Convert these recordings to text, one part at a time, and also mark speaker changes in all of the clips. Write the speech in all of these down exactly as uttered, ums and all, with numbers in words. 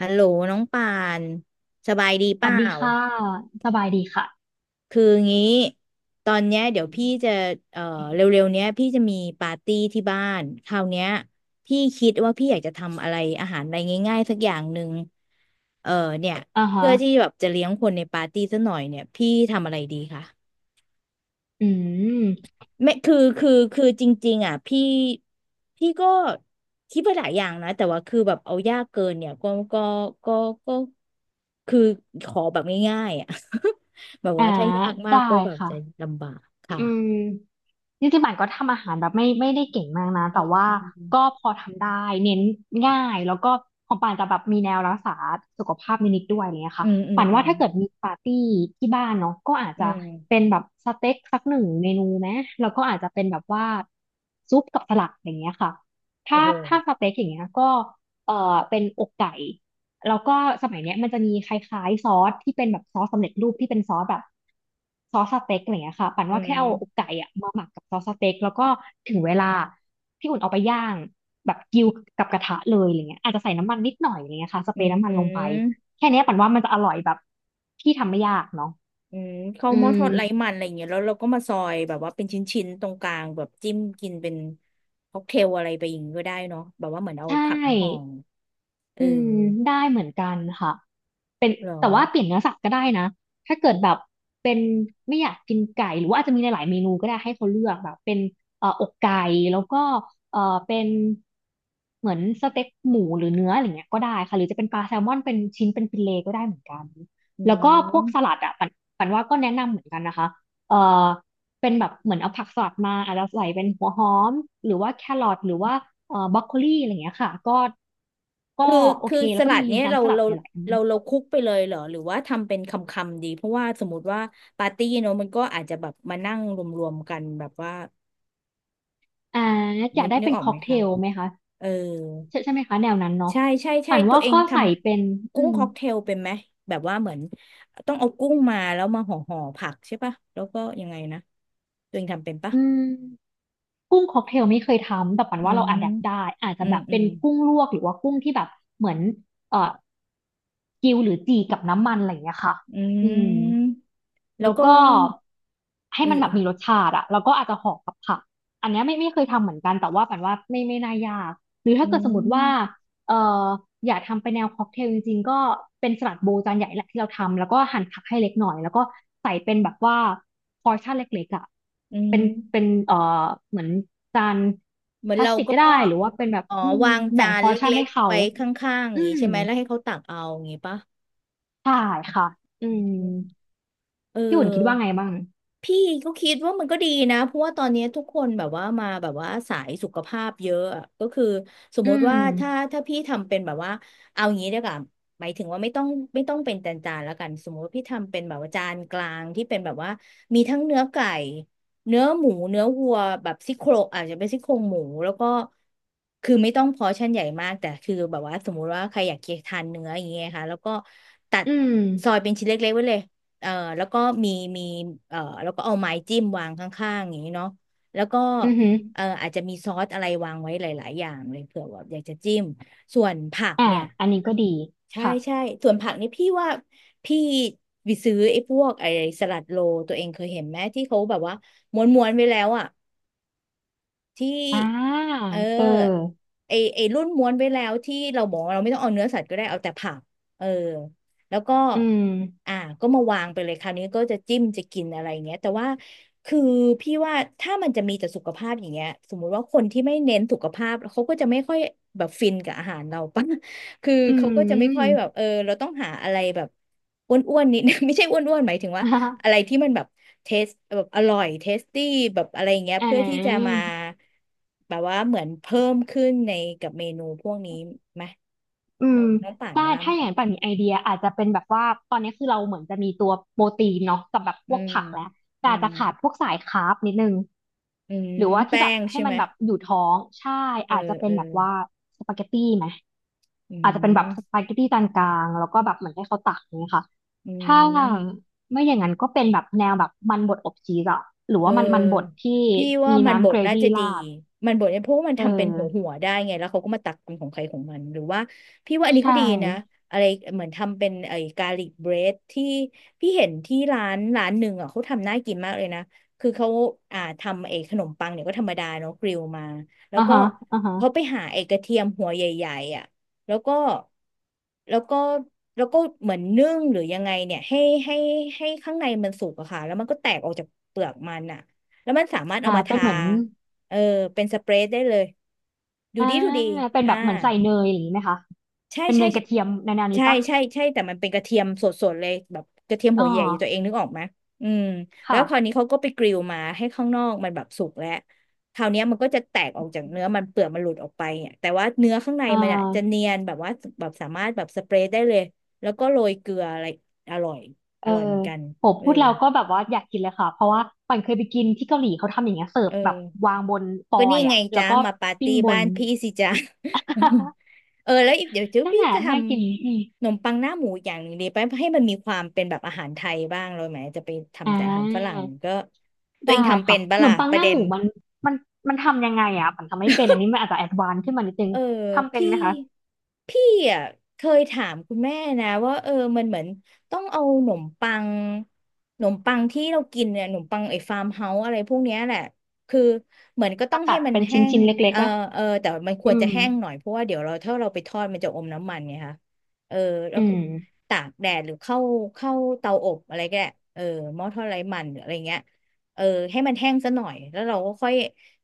Speaker 1: ฮัลโหลน้องป่านสบายดี
Speaker 2: ส
Speaker 1: เป
Speaker 2: วัส
Speaker 1: ล่า
Speaker 2: ดีค่ะสบายดีค่ะ
Speaker 1: คืองี้ตอนเนี้ยเดี๋ยวพี่จะเอ่อเร็วๆเนี้ยพี่จะมีปาร์ตี้ที่บ้านคราวเนี้ยพี่คิดว่าพี่อยากจะทำอะไรอาหารอะไรง่ายๆสักอย่างหนึ่งเออเนี่ย
Speaker 2: อ่าฮะ
Speaker 1: เพื่อที่แบบจะเลี้ยงคนในปาร์ตี้สักหน่อยเนี่ยพี่ทำอะไรดีคะ
Speaker 2: อืม
Speaker 1: ไม่คือคือคือจริงๆอ่ะพี่พี่ก็คิดไปหลายอย่างนะแต่ว่าคือแบบเอายากเกินเนี่ยก็ก็ก็ก็คือขอแบบง่ายๆอ่ะ แบบ
Speaker 2: อ่า
Speaker 1: ว่าถ้ายากมาก
Speaker 2: ได้
Speaker 1: ก็แบบ
Speaker 2: ค่ะ
Speaker 1: จะลำบากค่ะ
Speaker 2: อืมจริงๆป่านก็ทำอาหารแบบไม่ไม่ได้เก่งมากนะแต่ว่า
Speaker 1: อื
Speaker 2: ก็
Speaker 1: ม
Speaker 2: พอทำได้เน้นง่ายแล้วก็ของป่านจะแบบมีแนวรักษาสุขภาพนิดๆด้วยอะไรเงี้ย
Speaker 1: อื
Speaker 2: ค่ะ
Speaker 1: มอืม
Speaker 2: ป่าน
Speaker 1: อื
Speaker 2: ว่า
Speaker 1: ม
Speaker 2: ถ้าเกิดมีปาร์ตี้ที่บ้านเนาะก็อาจ
Speaker 1: อื
Speaker 2: จะ
Speaker 1: ม
Speaker 2: เป็นแบบสเต็กสักหนึ่งเมนูไหมแล้วก็อาจจะเป็นแบบว่าซุปกับสลัดอย่างเงี้ยค่ะถ้า
Speaker 1: โอ้โห
Speaker 2: ถ้าสเต็กอย่างเงี้ยก็เอ่อเป็นอกไก่ แล้วก็สมัยเนี้ยมันจะมีคล้ายๆซอสที่เป็นแบบซอสสำเร็จรูปที่เป็นซอสแบบซอสสเต็กอะไรเงี้ยค่ะปั่น
Speaker 1: อื
Speaker 2: ว่าแค่เอาอก
Speaker 1: ม
Speaker 2: ไก่อะมาหมักกับซอสสเต็กแล้วก็ถึงเวลาพี่อุ่นเอาไปย่างแบบกิวกับกระทะเลยอะไรเงี้ยอาจจะใส่น้ำมันนิดหน่อยอะไรเงี้ยค่ะส
Speaker 1: อื
Speaker 2: เปรย์
Speaker 1: ม
Speaker 2: น้ำมัน
Speaker 1: อื
Speaker 2: ลงไป
Speaker 1: ม
Speaker 2: แค่เนี้ยปั่นว่ามันจะอร่อยแบบที่ทำไม่ยากเนาะ
Speaker 1: อืมข้าว
Speaker 2: อื
Speaker 1: หม้อทอดไร้
Speaker 2: ม
Speaker 1: มันอะไรอย่างเงี้ยแล้วเราก็มาซอยแบบว่าเป็นชิ้นๆตรงกลางแบบจิ้มกินเป็นค็อกเทลอะไรไปอย่างงี้ก็ได้เนาะแบบว่าเหมือนเอา
Speaker 2: ใช
Speaker 1: ผักมาห่อ
Speaker 2: ่
Speaker 1: เออ
Speaker 2: อืมได้เหมือนกันค่ะ เป็น
Speaker 1: เหรอ
Speaker 2: แต่ว่าเปลี่ยนเนื้อสัตว์ก็ได้นะถ้าเกิดแบบเป็นไม่อยากกินไก่หรือว่าอาจจะมีหลายๆเมนูก็ได้ให้เขาเลือกแบบเป็นเอ่ออกไก่แล้วก็เอ่อเป็นเหมือนสเต็กหมูหรือเนื้ออะไรเงี้ยก็ได้ค่ะหรือจะเป็นปลาแซลมอนเป็นชิ้นเป็นฟิเลต์ก็ได้เหมือนกัน
Speaker 1: อื
Speaker 2: แล้วก็พวกสลั
Speaker 1: ม
Speaker 2: ดอ่ะปันปันว่าก็แนะนำเหมือนกันนะคะเอ่อเป็นแบบเหมือนเอาผักสลัดมาอาจจะใส่เป็นหัวหอมหรือว่าแครอทหรือว่าเอ่อบรอกโคลีอะไรเงี้ยค่ะก็ก็
Speaker 1: คือ
Speaker 2: โอ
Speaker 1: คือ
Speaker 2: เค
Speaker 1: ส
Speaker 2: แล้วก็
Speaker 1: ลัด
Speaker 2: มี
Speaker 1: เนี้ยเรา
Speaker 2: น้ำสลัด
Speaker 1: เรา
Speaker 2: หลาย
Speaker 1: เรา
Speaker 2: ๆ
Speaker 1: เราคลุกไปเลยเหรอ หรือว่าทำเป็นคำคำดี เพราะว่าสมมติว่าปาร์ตี้เนอะมันก็อาจจะแบบมานั่งรวมๆกันแบบว่า
Speaker 2: อ่าอยา
Speaker 1: นึ
Speaker 2: ก
Speaker 1: ก
Speaker 2: ได้
Speaker 1: นึก
Speaker 2: เป็น
Speaker 1: ออก
Speaker 2: ค็
Speaker 1: ไห
Speaker 2: อ
Speaker 1: ม
Speaker 2: กเท
Speaker 1: คะ
Speaker 2: ลไหมคะ
Speaker 1: เออ
Speaker 2: ใช่ใช่ไหมคะแนวนั้นเนาะ
Speaker 1: ใช่ใช่ใช่
Speaker 2: ป่าน
Speaker 1: ตั
Speaker 2: ว่า
Speaker 1: วเอง
Speaker 2: ก็
Speaker 1: ท
Speaker 2: ใส่เป็น
Speaker 1: ำ
Speaker 2: อื
Speaker 1: กุ้ง
Speaker 2: ม
Speaker 1: ค็อกเทลเป็นไหมแบบว่าเหมือนต้องเอากุ้งมาแล้วมาห่อห่อผักใช่ปะ แล้วก็ยังไงนะ ตัวเองทำเป็นปะ
Speaker 2: อืม กุ้งค็อกเทลไม่เคยทำแต่ปัน
Speaker 1: อื
Speaker 2: ว่าเราอะแดป
Speaker 1: ม
Speaker 2: ได้อาจจะ
Speaker 1: อื
Speaker 2: แบ
Speaker 1: ม
Speaker 2: บ
Speaker 1: อื
Speaker 2: เป็น
Speaker 1: ม
Speaker 2: กุ้งลวกหรือว่ากุ้งที่แบบเหมือนเอ่อกิวหรือจีกับน้ำมันอะไรอย่างเงี้ยค่ะ
Speaker 1: อื
Speaker 2: อืม
Speaker 1: มแล้
Speaker 2: แล้
Speaker 1: ว
Speaker 2: ว
Speaker 1: ก็
Speaker 2: ก็ให้
Speaker 1: เออ
Speaker 2: มันแบ
Speaker 1: เอ
Speaker 2: บ
Speaker 1: อ
Speaker 2: มีรสชาติอะแล้วก็อาจจะห่อกับผักอันเนี้ยไม่ไม่เคยทำเหมือนกันแต่ว่าปันว่าไม่ไม่น่ายากหรือถ้า
Speaker 1: อื
Speaker 2: เกิดสมมติว่า
Speaker 1: ม
Speaker 2: เอ่ออยากทำไปแนวค็อกเทลจริงๆก็เป็นสลัดโบว์จานใหญ่แหละที่เราทำแล้วก็หั่นผักให้เล็กหน่อยแล้วก็ใส่เป็นแบบว่าพอร์ชั่นเล็กๆอะ
Speaker 1: อื
Speaker 2: เป็น
Speaker 1: ม
Speaker 2: เป็นเอ่อเหมือนจาน
Speaker 1: เหมือ
Speaker 2: พ
Speaker 1: น
Speaker 2: ลาส
Speaker 1: เรา
Speaker 2: ติก
Speaker 1: ก็
Speaker 2: ก็ได้หรือว่าเป็นแบบ
Speaker 1: อ๋อ
Speaker 2: อืม
Speaker 1: วาง
Speaker 2: แบ่
Speaker 1: จา
Speaker 2: งพ
Speaker 1: น
Speaker 2: อ
Speaker 1: เล
Speaker 2: ร์ชั่น
Speaker 1: ็
Speaker 2: ให้
Speaker 1: กๆ
Speaker 2: เขา
Speaker 1: ไว้ข้างๆอ
Speaker 2: อื
Speaker 1: ย่างนี้
Speaker 2: ม
Speaker 1: ใช่ไหมแล้วให้เขาตักเอาอย่างนี้ปะ
Speaker 2: ใช่ค่ะอืม
Speaker 1: เออ
Speaker 2: พี่อุ่นคิดว่าไงบ้าง
Speaker 1: พี่ก็คิดว่ามันก็ดีนะเพราะว่าตอนนี้ทุกคนแบบว่ามาแบบว่าสายสุขภาพเยอะอะก็คือสม
Speaker 2: อื
Speaker 1: มติว่า
Speaker 2: ม
Speaker 1: ถ้าถ้าพี่ทำเป็นแบบว่าเอาอย่างนี้ดีกว่าหมายถึงว่าไม่ต้องไม่ต้องเป็นจานจานแล้วกันสมมติว่าพี่ทำเป็นแบบว่าจานกลางที่เป็นแบบว่ามีทั้งเนื้อไก่เนื้อหมูเนื้อวัวแบบซี่โครงอาจจะเป็นซี่โครงหมูแล้วก็คือไม่ต้องพอร์ชั่นใหญ่มากแต่คือแบบว่าสมมุติว่าใครอยากทานเนื้ออย่างเงี้ยค่ะแล้วก็ตัด
Speaker 2: อืม
Speaker 1: ซอยเป็นชิ้นเล็กๆไว้เลย เอ่อแล้วก็มีมีเอ่อแล้วก็เอาไม้จิ้มวางข้างๆอย่างนี้เนาะแล้วก็
Speaker 2: อือหือ
Speaker 1: เอ่ออาจจะมีซอสอะไรวางไว้หลายๆอย่างเลยเผื่อว่าอยากจะจิ้มส่วนผัก
Speaker 2: อ่า
Speaker 1: เนี่ย
Speaker 2: อันนี้ก็ดี
Speaker 1: ใช่
Speaker 2: ค่ะ
Speaker 1: ใช่ส่วนผักนี่พี่ว่าพี่ไปซื้อไอ้พวกไอ้สลัดโรลตัวเองเคยเห็นไหมที่เขาแบบว่าม้วนๆไว้แล้วอ่ะ ที่
Speaker 2: อ่า
Speaker 1: เ
Speaker 2: เออ
Speaker 1: ออไอไอรุ่นม้วนไว้แล้วที่เราบอกว่าเราไม่ต้องเอาเนื้อสัตว์ก็ได้เอาแต่ผักเออแล้วก็
Speaker 2: อืม
Speaker 1: อ่าก็มาวางไปเลยคราวนี้ก็จะจิ้มจะกินอะไรเงี้ยแต่ว่าคือพี่ว่าถ้ามันจะมีแต่สุขภาพอย่างเงี้ยสมมุติว่าคนที่ไม่เน้นสุขภาพเขาก็จะไม่ค่อยแบบฟินกับอาหารเราปะ คือ
Speaker 2: อื
Speaker 1: เขาก็จะไม่ค่อย
Speaker 2: ม
Speaker 1: แบบเออเราต้องหาอะไรแบบอ้วนๆนิด ไม่ใช่อ้วนๆหมายถึง ว่า
Speaker 2: อ่
Speaker 1: อะไร
Speaker 2: า
Speaker 1: ที่มันแบบเทสแบบอร่อยเทสตี้แบบอะไรอย่างเงี้ย
Speaker 2: อ่
Speaker 1: เพื่อที่จะมา
Speaker 2: า
Speaker 1: แบบว่าเหมือนเพิ่มขึ้นในกับเมนูพวกนี้ไหม
Speaker 2: อื
Speaker 1: น้
Speaker 2: ม
Speaker 1: องน้องป่าน
Speaker 2: ได้
Speaker 1: ว่าไหม
Speaker 2: ถ้าอย่างนั้นป่านมีไอเดียอาจจะเป็นแบบว่าตอนนี้คือเราเหมือนจะมีตัวโปรตีนเนาะกับแบบพ
Speaker 1: อื
Speaker 2: วก
Speaker 1: ม
Speaker 2: ผักแล้วแต่
Speaker 1: อื
Speaker 2: อาจ
Speaker 1: ม
Speaker 2: จะขาดพวกสายคาร์บนิดนึง
Speaker 1: อืม
Speaker 2: หรือว่าที่
Speaker 1: แป้
Speaker 2: แบบ
Speaker 1: ง
Speaker 2: ให้
Speaker 1: ใช่
Speaker 2: มั
Speaker 1: ไหม
Speaker 2: นแบบอยู่ท้องใช่
Speaker 1: เออ
Speaker 2: อาจจะเป็
Speaker 1: เอ
Speaker 2: น
Speaker 1: อ
Speaker 2: แบบว่าสปาเกตตี้ไหม
Speaker 1: อื
Speaker 2: อาจจะเป็นแบบส
Speaker 1: ม
Speaker 2: ปาเกตตี้จานกลางแล้วก็แบบเหมือนให้เขาตักอย่างเงี้ยค่ะ
Speaker 1: อื
Speaker 2: ถ้า
Speaker 1: ม
Speaker 2: ไม่อย่างนั้นก็เป็นแบบแนวแบบมันบดอบชีสอะหรือ
Speaker 1: เ
Speaker 2: ว่ามันมันบด
Speaker 1: ออ
Speaker 2: ที่
Speaker 1: พี่ว่า
Speaker 2: มี
Speaker 1: มันบ
Speaker 2: น้ำเก
Speaker 1: ด
Speaker 2: ร
Speaker 1: น่า
Speaker 2: วี่
Speaker 1: จะดี
Speaker 2: ราด
Speaker 1: มันบดเนี่ยเพราะว่ามัน
Speaker 2: เอ
Speaker 1: ทำเป็นหัวหั
Speaker 2: อ
Speaker 1: วได้ไงแล้วเขาก็มาตักเป็นของใครของมันหรือว่าพี่ว่าอันนี้
Speaker 2: ใช่
Speaker 1: ก็ดีนะอะไรเหมือนทำเป็นไอ้กาลิกเบรดที่พี่เห็นที่ร้านร้านหนึ่งอ่ะเขาทำน่ากินมากเลยนะคือเขาอ่าทำไอ้ขนมปังเนี่ยก็ธรรมดาเนาะกริลมาแล้ว
Speaker 2: อ่า
Speaker 1: ก็
Speaker 2: ฮะอ่า
Speaker 1: เขา
Speaker 2: ฮะ
Speaker 1: ไปหาไอ้กระเทียมหัวใหญ่ๆอ่ะ แล้วก็แล้วก็แล้วก็เหมือนนึ่งหรือยังไงเนี่ยให้ให้ให้ข้างในมันสุกอะค่ะแล้วมันก็แตกออกจากเปลือกมันอะแล้วมันสามารถเอา
Speaker 2: อ่า
Speaker 1: มา
Speaker 2: เป็น
Speaker 1: ทา
Speaker 2: เหมือน
Speaker 1: เออเป็นสเปรย์ได้เลยดู
Speaker 2: อ่า
Speaker 1: ดีดูดี
Speaker 2: เป็น
Speaker 1: อ่า
Speaker 2: แบบเหมือนใส่เนยอย่างนี้ไหมคะ
Speaker 1: ใช่
Speaker 2: เป็นเน
Speaker 1: ใช่
Speaker 2: ยกระเทียมในแนว
Speaker 1: ใช่
Speaker 2: นี้
Speaker 1: ใช่
Speaker 2: ปะ
Speaker 1: ใช่ใช่แต่มันเป็นกระเทียมสดๆเลยแบบกระเทียม
Speaker 2: อ๋
Speaker 1: หั
Speaker 2: อ
Speaker 1: วใหญ่ตัวเองนึกออกไหมอืมแล้ว
Speaker 2: ค่ะ
Speaker 1: คราวนี้เขาก็ไปกริลมาให้ข้างนอกมันแบบสุกแล้วคราวเนี้ยมันก็จะแตกออกจากเนื้อมันเปลือกมันหลุดออกไปเนี่ยแต่ว่าเนื้อข้างใน
Speaker 2: อ่
Speaker 1: มันอ่ะจะเนี
Speaker 2: า
Speaker 1: ยนแบบว่าแบบสามารถแบบสเปรย์ได้เลยแล้วก็โรยเกลืออะไรอร่อยอ
Speaker 2: เออ
Speaker 1: ร่อยเหมือนกัน
Speaker 2: โห
Speaker 1: เออ
Speaker 2: พูดเราก็แบบว่าอยากกินเลยค่ะเพราะว่าปันเคยไปกินที่เกาหลีเขาทำอย่างเงี้ยเสิ
Speaker 1: เอ
Speaker 2: ร์ฟ
Speaker 1: อ
Speaker 2: แบบวางบนฟอ
Speaker 1: ก็นี่
Speaker 2: ยล์
Speaker 1: ไง
Speaker 2: อ่ะแล้ว
Speaker 1: จ้า
Speaker 2: ก็
Speaker 1: มาปาร์
Speaker 2: ปิ้ง
Speaker 1: ตี้
Speaker 2: บ
Speaker 1: บ้า
Speaker 2: น
Speaker 1: นพี่สิจ้า เออแล้วอีกเดี๋ยวเจ้า
Speaker 2: นั่น
Speaker 1: พี่
Speaker 2: แหละ
Speaker 1: จะท
Speaker 2: น่ากินอืม
Speaker 1: ำขนมปังหน้าหมูอย่างหนึ่งดีไปให้มันมีความเป็นแบบอาหารไทยบ้างเลยไหมจะไป
Speaker 2: อ่
Speaker 1: ทำแต่อาหารฝรั่ง
Speaker 2: า
Speaker 1: ก็ตัว
Speaker 2: ได้
Speaker 1: เองทำเป็
Speaker 2: ค่ะ
Speaker 1: น
Speaker 2: ข
Speaker 1: ปะ
Speaker 2: น
Speaker 1: ล่ะ
Speaker 2: มปัง
Speaker 1: ป
Speaker 2: ห
Speaker 1: ระ
Speaker 2: น้า
Speaker 1: เด็
Speaker 2: ห
Speaker 1: น
Speaker 2: มูมันมันมันทำยังไงอ่ะปันทำไม่เป็นอันนี้มันอาจจะแอดวานซ์ขึ้นมานิดนึง
Speaker 1: เออ
Speaker 2: ทำเป็น
Speaker 1: พี่
Speaker 2: ไหมคะ
Speaker 1: พี่อ่ะเคยถามคุณแม่นะว่าเออมันเหมือนต้องเอาหนมปังหนมปังที่เรากินเนี่ยหนมปังไอ้ฟาร์มเฮาส์อะไรพวกเนี้ยแหละคือเหมือนก็ต้อ
Speaker 2: มา
Speaker 1: งให้
Speaker 2: ตัด
Speaker 1: มัน
Speaker 2: เป็น
Speaker 1: แห้
Speaker 2: ชิ้น
Speaker 1: ง
Speaker 2: ชิ้นเล็
Speaker 1: เอ
Speaker 2: ก
Speaker 1: อ
Speaker 2: ๆนะ
Speaker 1: เออแต่มันควร
Speaker 2: อื
Speaker 1: จะ
Speaker 2: ม
Speaker 1: แห้งหน่อยเพราะว่าเดี๋ยวเราถ้าเราไปทอดมันจะอมน้ำมันไงคะเออแล้
Speaker 2: อื
Speaker 1: วก็
Speaker 2: ม
Speaker 1: ตากแดดหรือเข้าเข้าเตาอบอะไรก็ได้เออหม้อทอดไร้มันหรืออะไรเงี้ย เออให้มันแห้งซะหน่อยแล้วเราก็ค่อย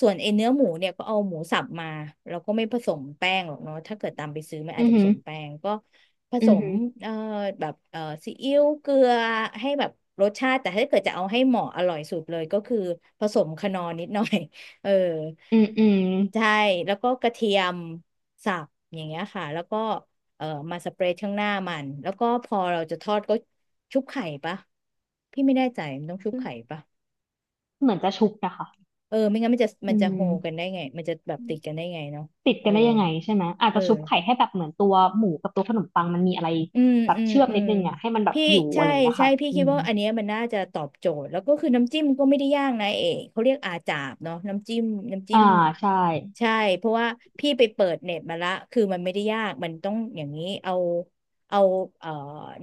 Speaker 1: ส่วนไอ้เนื้อหมูเนี่ยก็เอาหมูสับมาเราก็ไม่ผสมแป้งหรอกเนาะถ้าเกิดตามไปซื้อมันอา
Speaker 2: อื
Speaker 1: จ
Speaker 2: อ
Speaker 1: จะผ
Speaker 2: หื
Speaker 1: ส
Speaker 2: อ
Speaker 1: มแป้งก็ผ
Speaker 2: อื
Speaker 1: ส
Speaker 2: อ
Speaker 1: ม
Speaker 2: หือ
Speaker 1: เอ่อแบบเอ่อซีอิ๊วเกลือให้แบบรสชาติแต่ถ้าเกิดจะเอาให้เหมาะอร่อยสุดเลยก็คือผสมคนอร์นิดหน่อย เออ
Speaker 2: อืมอืม
Speaker 1: ใช่แล้วก็กระเทียมสับอย่างเงี้ยค่ะแล้วก็เอ่อมาสเปรย์ข้างหน้ามันแล้วก็พอเราจะทอดก็ชุบไข่ปะพี่ไม่แน่ใจมันต้องชุบ
Speaker 2: อืม
Speaker 1: ไข่ปะ
Speaker 2: เหมือนจะชุบนะคะ
Speaker 1: เออไม่งั้นมันจะ
Speaker 2: อื
Speaker 1: มันจะโฮกัน
Speaker 2: ม
Speaker 1: ได้ไงมันจะแบบติดกันได้ไงเนาะ
Speaker 2: ติด
Speaker 1: เอ
Speaker 2: กั
Speaker 1: อ
Speaker 2: นได้ยังไงใช่ไหมอาจ
Speaker 1: เออ
Speaker 2: จะชุบไข่ให้แบบเหมือนตัวหมูกับตัวขนมปังมันมีอะไร
Speaker 1: อืม
Speaker 2: แบบ
Speaker 1: อืม
Speaker 2: เชื่อม
Speaker 1: อื
Speaker 2: นิ
Speaker 1: ม
Speaker 2: ดนึงอ่ะให้มันแบบ
Speaker 1: พี่
Speaker 2: อยู่อะ
Speaker 1: ใช่
Speaker 2: ไรอย่างเงี้ย
Speaker 1: ใช่
Speaker 2: ค่ะ
Speaker 1: พี่
Speaker 2: อื
Speaker 1: คิด
Speaker 2: ม
Speaker 1: ว่าอันเนี้ยมันน่าจะตอบโจทย์แล้วก็คือน้ำจิ้มก็ไม่ได้ยากนะเอกเขาเรียกอาจาบเนาะน้ำจิ้มน้ำจิ้
Speaker 2: อ่า
Speaker 1: ม
Speaker 2: ใช่
Speaker 1: ใช่เพราะว่าพี่ไปเปิดเน็ตมาละคือมันไม่ได้ยากมันต้องอย่างนี้เอาเอาเอ่อ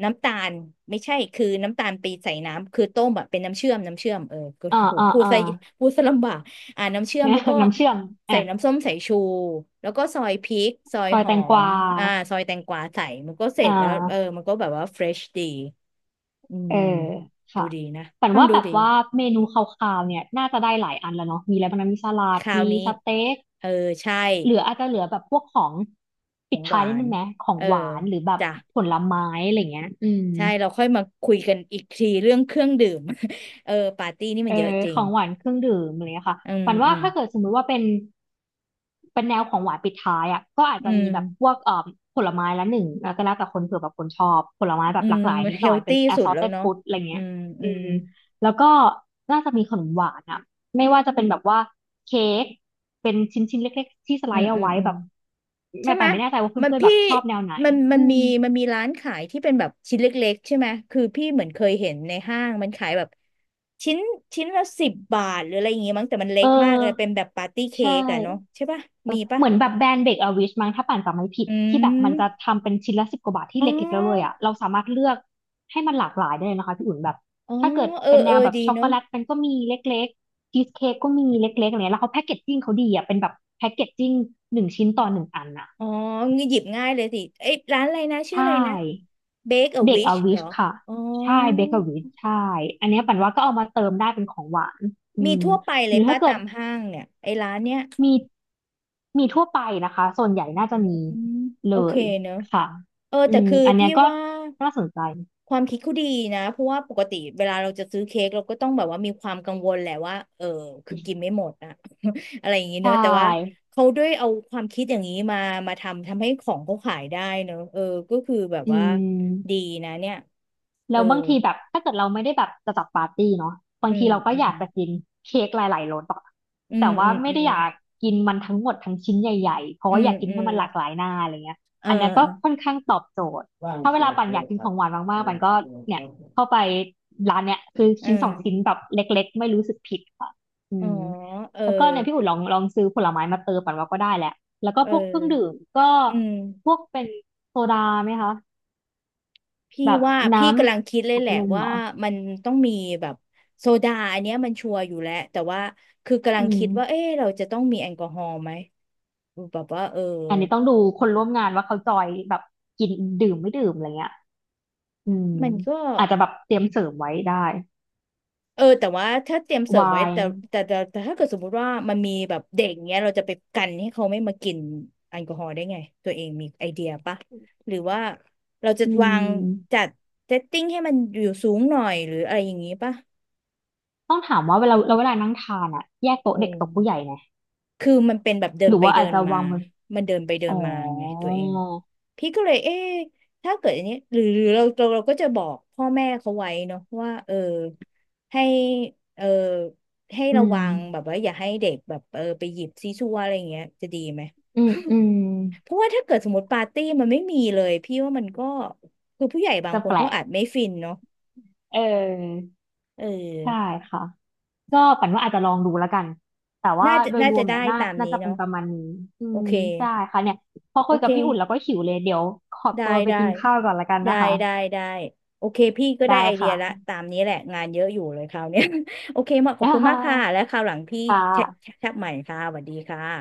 Speaker 1: น้ำตาลไม่ใช่คือน้ำตาลไปใส่น้ำคือต้มแบบเป็นน้ำเชื่อมน้ำเชื่อมเออก็
Speaker 2: อ่า
Speaker 1: โห
Speaker 2: อ่า
Speaker 1: พูด
Speaker 2: อ่า
Speaker 1: ซะพูดซะลำบาก อ่าน้ำเชื่อมแล้วก็
Speaker 2: น้ำเชื่อม
Speaker 1: ใส่
Speaker 2: อ่ะ
Speaker 1: น้ำส้มสายชูแล้วก็ซอยพริกซอย
Speaker 2: ซอย
Speaker 1: ห
Speaker 2: แต
Speaker 1: อ
Speaker 2: งก
Speaker 1: ม
Speaker 2: วา
Speaker 1: อ่าซอยแตงกวาใส่มันก็เสร็
Speaker 2: อ่
Speaker 1: จแล้วเออ
Speaker 2: า
Speaker 1: มันก็แบบว่าเฟรชดีอื
Speaker 2: เอ
Speaker 1: ม
Speaker 2: อ
Speaker 1: ดู
Speaker 2: ค่ะ
Speaker 1: ดีนะ
Speaker 2: ฝัน
Speaker 1: ฟัง
Speaker 2: ว่า
Speaker 1: ดู
Speaker 2: แบบ
Speaker 1: ดี
Speaker 2: ว่าเมนูคร่าวๆเนี่ยน่าจะได้หลายอันแล้วเนาะมีอะไรบ้างนะมีสลั
Speaker 1: ค
Speaker 2: ด
Speaker 1: ราว
Speaker 2: มี
Speaker 1: นี้
Speaker 2: สเต็ก
Speaker 1: เออใช่
Speaker 2: เหลืออาจจะเหลือแบบพวกของ
Speaker 1: ข
Speaker 2: ปิ
Speaker 1: อ
Speaker 2: ด
Speaker 1: งห
Speaker 2: ท้าย
Speaker 1: วา
Speaker 2: นิด
Speaker 1: น
Speaker 2: นึงไหมของ
Speaker 1: เออ
Speaker 2: หวานหรือแบบ
Speaker 1: จ้ะ
Speaker 2: ผลไม้อะไรเงี้ยอืม
Speaker 1: ใช่เราค่อยมาคุยกันอีกทีเรื่องเครื่องดื่ม เออปาร์ตี้นี่
Speaker 2: เอ
Speaker 1: มั
Speaker 2: อ
Speaker 1: นเยอะจริ
Speaker 2: ข
Speaker 1: ง
Speaker 2: องหวานเครื่องดื่มอะไรเงี้ยค่ะ
Speaker 1: อื
Speaker 2: ห
Speaker 1: ม
Speaker 2: วาน
Speaker 1: อื
Speaker 2: ว่า
Speaker 1: ม
Speaker 2: ถ้าเกิดสมมุติว่าเป็นเป็นแนวของหวานปิดท้ายอ่ะก็อาจ
Speaker 1: อื
Speaker 2: จะมี
Speaker 1: ม
Speaker 2: แบบพวกเอ่อผลไม้ละหนึ่งแล้วก็แล้วแต่คนเผื่อแบบคนชอบผลไม้แบ
Speaker 1: อื
Speaker 2: บหลา
Speaker 1: ม
Speaker 2: กหลายนิด
Speaker 1: เฮ
Speaker 2: หน่อ
Speaker 1: ล
Speaker 2: ยเป็น
Speaker 1: ตี้สุดแล้ว
Speaker 2: assorted
Speaker 1: เนาะ
Speaker 2: food อะไร
Speaker 1: อื
Speaker 2: เงี้ย
Speaker 1: มอื
Speaker 2: อื
Speaker 1: ม
Speaker 2: มแล้วก็น่าจะมีขนมหวานอ่ะไม่ว่าจะเป็นแบบว่าเค้กเป็นชิ้นชิ้นเล็กๆที่สไล
Speaker 1: อืม
Speaker 2: ด์เอา
Speaker 1: อืม
Speaker 2: ไว้
Speaker 1: อืม
Speaker 2: แบบ
Speaker 1: ใช่
Speaker 2: แม่
Speaker 1: ไหม
Speaker 2: ปานไม่แน่ใจว่า
Speaker 1: มัน
Speaker 2: เพื่อนๆแบ
Speaker 1: พี่
Speaker 2: บชอบแนวไหน
Speaker 1: มันมั
Speaker 2: อื
Speaker 1: น
Speaker 2: ม
Speaker 1: มีมันมีร้านขายที่เป็นแบบชิ้นเล็กๆใช่ไหมคือพี่เหมือนเคยเห็นในห้างมันขายแบบชิ้นชิ้นละสิบบาทหรืออะไรอย่างงี้มั้งแต่มันเล็
Speaker 2: เออ
Speaker 1: กมากเลยเป็นแบบปาร์ตี้เค้
Speaker 2: ใช่
Speaker 1: กอะเนาะใช่ปะมีปะ
Speaker 2: เหมือนแบบแบรนด์เบรกอวิชมั้งถ้าป่านจำไม่ผิด
Speaker 1: อื
Speaker 2: ที่แบบมันจะ
Speaker 1: ม
Speaker 2: ทำเป็นชิ้นละสิบกว่าบาทที่
Speaker 1: อ๋อ
Speaker 2: เล็กๆแล้วเลยอ่ะเราสามารถเลือกให้มันหลากหลายได้เลยนะคะพี่อุ่นแบบ
Speaker 1: อ๋อ
Speaker 2: ถ้าเกิด
Speaker 1: เออ
Speaker 2: เป็นแน
Speaker 1: เออ
Speaker 2: วแบบ
Speaker 1: ดี
Speaker 2: ช็อกโก
Speaker 1: เนาะ
Speaker 2: แลตมันก็มีเล็กๆชีสเค้กก็มีเล็กๆอะไรเงี้ยแล้วเขาแพ็กเกจจิ้งเขาดีอ่ะเป็นแบบแพ็กเกจจิ้งหนึ่งชิ้นต่อหนึ่งอันอ่ะ
Speaker 1: อ๋องี้หยิบง่ายเลยสิเอ้ยร้านอะไรนะชื่อ
Speaker 2: ใช่
Speaker 1: อะไรนะ Bake a
Speaker 2: เบรกอ
Speaker 1: Wish
Speaker 2: ร์วิ
Speaker 1: เหรอ
Speaker 2: ชค่ะ
Speaker 1: อ๋อ
Speaker 2: ใช่เบเกอรวิชใช่อันเนี้ยปันว่าก็เอามาเติมได้เป็นของหวานอื
Speaker 1: มี
Speaker 2: ม
Speaker 1: ทั่วไปเล
Speaker 2: หรื
Speaker 1: ย
Speaker 2: อ
Speaker 1: ป้า
Speaker 2: ถ้าเกิ
Speaker 1: ตา
Speaker 2: ด
Speaker 1: มห้างเนี่ยไอ้ร้านเนี้ย
Speaker 2: มีมีทั่วไปนะคะส่วนใหญ่น่า
Speaker 1: อื
Speaker 2: จะมี
Speaker 1: ม
Speaker 2: เล
Speaker 1: โอเค
Speaker 2: ย
Speaker 1: เนอะ
Speaker 2: ค่ะ
Speaker 1: เออ
Speaker 2: อื
Speaker 1: แต่
Speaker 2: ม
Speaker 1: คือ
Speaker 2: อันเนี้
Speaker 1: พี่
Speaker 2: ยก็
Speaker 1: ว่า
Speaker 2: น่าสนใจ
Speaker 1: ความคิดเขาดีนะเพราะว่าปกติเวลาเราจะซื้อเค้กเราก็ต้องแบบว่ามีความกังวลแหละว่าเออคือกินไม่หมดอะ อะไรอย่างงี้
Speaker 2: ใช
Speaker 1: เนอะแต่ว่า
Speaker 2: ่
Speaker 1: เขาด้วยเอาความคิดอย่างนี้มามาทำทำให้ของเขาขายได้เนอะเออก็คือแบบ
Speaker 2: อื
Speaker 1: ว่าดี
Speaker 2: ม
Speaker 1: นะเนี่ยเอ
Speaker 2: แล้
Speaker 1: อ
Speaker 2: วบางทีแบบถ้าเกิดเราไม่ได้แบบจะจัดปาร์ตี้เนาะบา
Speaker 1: อื
Speaker 2: งที
Speaker 1: ม
Speaker 2: เราก็
Speaker 1: อื
Speaker 2: อ
Speaker 1: ม
Speaker 2: ยากจะกินเค้กหลายๆรสอะ
Speaker 1: อืม
Speaker 2: แต่
Speaker 1: อื
Speaker 2: ว่า
Speaker 1: ม
Speaker 2: ไม่
Speaker 1: อื
Speaker 2: ได้
Speaker 1: ม
Speaker 2: อยากกินมันทั้งหมดทั้งชิ้นใหญ่ๆเพราะ
Speaker 1: อื
Speaker 2: ว่าอ
Speaker 1: ม
Speaker 2: ยากกิน
Speaker 1: อื
Speaker 2: ให้
Speaker 1: ม
Speaker 2: มันหลากหลายหน้าอะไรเงี้ย
Speaker 1: เออ
Speaker 2: อันเนี้ยก็
Speaker 1: เอ
Speaker 2: ค่อน
Speaker 1: อ
Speaker 2: ข้างตอบโจทย์ถ้าเวลาปันอยากกินของหวานมากๆปันก็เนี่ยเข้าไปร้านเนี้ยซื้อ
Speaker 1: เอ
Speaker 2: ชิ้นสองชิ้น
Speaker 1: อ
Speaker 2: แบบเล็กๆไม่รู้สึกผิดค่ะอื
Speaker 1: อ๋อ
Speaker 2: ม
Speaker 1: เออ
Speaker 2: แล้วก็เนี่ยพี่อุ่นลองลองซื้อผลไม้มาเติมปันว่าก็ได้แหละแล้วก็
Speaker 1: เออ
Speaker 2: พวกเครื่องดื่มก็
Speaker 1: อืม
Speaker 2: พวกเป็นโซดาไหมคะ
Speaker 1: พี่
Speaker 2: แบบ
Speaker 1: ว่า
Speaker 2: น้
Speaker 1: พี่กำลังคิดเล
Speaker 2: ำ
Speaker 1: ย
Speaker 2: อัด
Speaker 1: แหละ
Speaker 2: ลมเห
Speaker 1: ว่า
Speaker 2: รอ
Speaker 1: มันต้องมีแบบโซดาอันเนี้ยมันชัวร์อยู่แล้วแต่ว่าคือกำลั
Speaker 2: อื
Speaker 1: ง
Speaker 2: ม
Speaker 1: คิดว่าเอ๊ะเราจะต้องมีแอลกอฮอล์ไหมแบบว่าเออ
Speaker 2: อันนี้ต้องดูคนร่วมงานว่าเขาจอยแบบกินดื่มไม่ดื่มอะไรเงี้ยอืม
Speaker 1: มันก็
Speaker 2: อาจจะแบบเตรียมเสริมไว้ได้
Speaker 1: เออแต่ว่าถ้าเตรียมเสิร์ฟไว้
Speaker 2: วาย
Speaker 1: แต่แต่แต่แต่ถ้าเกิดสมมุติว่ามันมีแบบเด็กเงี้ยเราจะไปกันให้เขาไม่มากินแอลกอฮอล์ได้ไงตัวเองมีไอเดียปะหรือว่าเราจะ
Speaker 2: อื
Speaker 1: วาง
Speaker 2: ม
Speaker 1: จัดเซตติ้งให้มันอยู่สูงหน่อยหรืออะไรอย่างงี้ปะ
Speaker 2: ต้องถามว่าเวลาเราเวลานั่งทานอะแยกโต๊ะ
Speaker 1: เอ
Speaker 2: เด็กโต๊ะผู้ใหญ่
Speaker 1: อ
Speaker 2: ไหม
Speaker 1: คือมันเป็นแบบเดิ
Speaker 2: ห
Speaker 1: น
Speaker 2: รือ
Speaker 1: ไป
Speaker 2: ว่า
Speaker 1: เดิ
Speaker 2: อาจ
Speaker 1: น
Speaker 2: จะ
Speaker 1: มา
Speaker 2: วางบน
Speaker 1: มันเดินไปเดิ
Speaker 2: อ๋
Speaker 1: น
Speaker 2: อ
Speaker 1: มาไงตัวเองพี่ก็เลยเอ๊ะถ้าเกิดอันนี้ หรือหรือเราเราเราก็จะบอกพ่อแม่เขาไว้เนาะว่าเออให้เออให้
Speaker 2: อื
Speaker 1: ระ
Speaker 2: ม
Speaker 1: วังแบบว่าอย่าให้เด็กแบบเออไปหยิบซีซัวอะไรอย่างเงี้ยจะดีไหม
Speaker 2: อืม อืม
Speaker 1: เพราะว่าถ้าเกิดสมมติปาร์ตี้มันไม่มีเลยพี่ว่ามันก็คือผู้ใหญ่บาง
Speaker 2: จะ
Speaker 1: คน
Speaker 2: แปล
Speaker 1: เขา
Speaker 2: ก
Speaker 1: อาจไม่ฟินเนาะ
Speaker 2: เออ
Speaker 1: เออ
Speaker 2: ใช่ค่ะ ก็ปั่นว่าอาจจะลองดูแล้วกัน แต่ว่า
Speaker 1: น่าจะ
Speaker 2: โดย
Speaker 1: น่า
Speaker 2: ร
Speaker 1: จะ
Speaker 2: วม
Speaker 1: ได้
Speaker 2: เนี่ยน่า
Speaker 1: ตาม
Speaker 2: น่า
Speaker 1: นี้
Speaker 2: จะเป็น
Speaker 1: เนาะ
Speaker 2: ประมาณนี้อื
Speaker 1: โอ
Speaker 2: ม
Speaker 1: เค
Speaker 2: ได้ค่ะเนี่ยพอ
Speaker 1: โอ
Speaker 2: คุย
Speaker 1: เค
Speaker 2: กับพี่อุ่นแล้วก็หิวเลยเดี๋ยวขอ
Speaker 1: ได้
Speaker 2: ตัวไป
Speaker 1: ได้
Speaker 2: กินข้าวก่อนแล้วกัน
Speaker 1: ได้
Speaker 2: นะคะ
Speaker 1: ได้ได้โอเคพี่ก็ได้
Speaker 2: ได้
Speaker 1: ไอเดีย
Speaker 2: ค่ะ
Speaker 1: ละตามนี้แหละงานเยอะอยู่เลยคราวเนี้ย โอเคมาขอบคุณมากค่ะ และคราวหลังพี่
Speaker 2: ค่
Speaker 1: แชท
Speaker 2: ะ
Speaker 1: แชทใหม่ค่ะสวัสดีค่ะ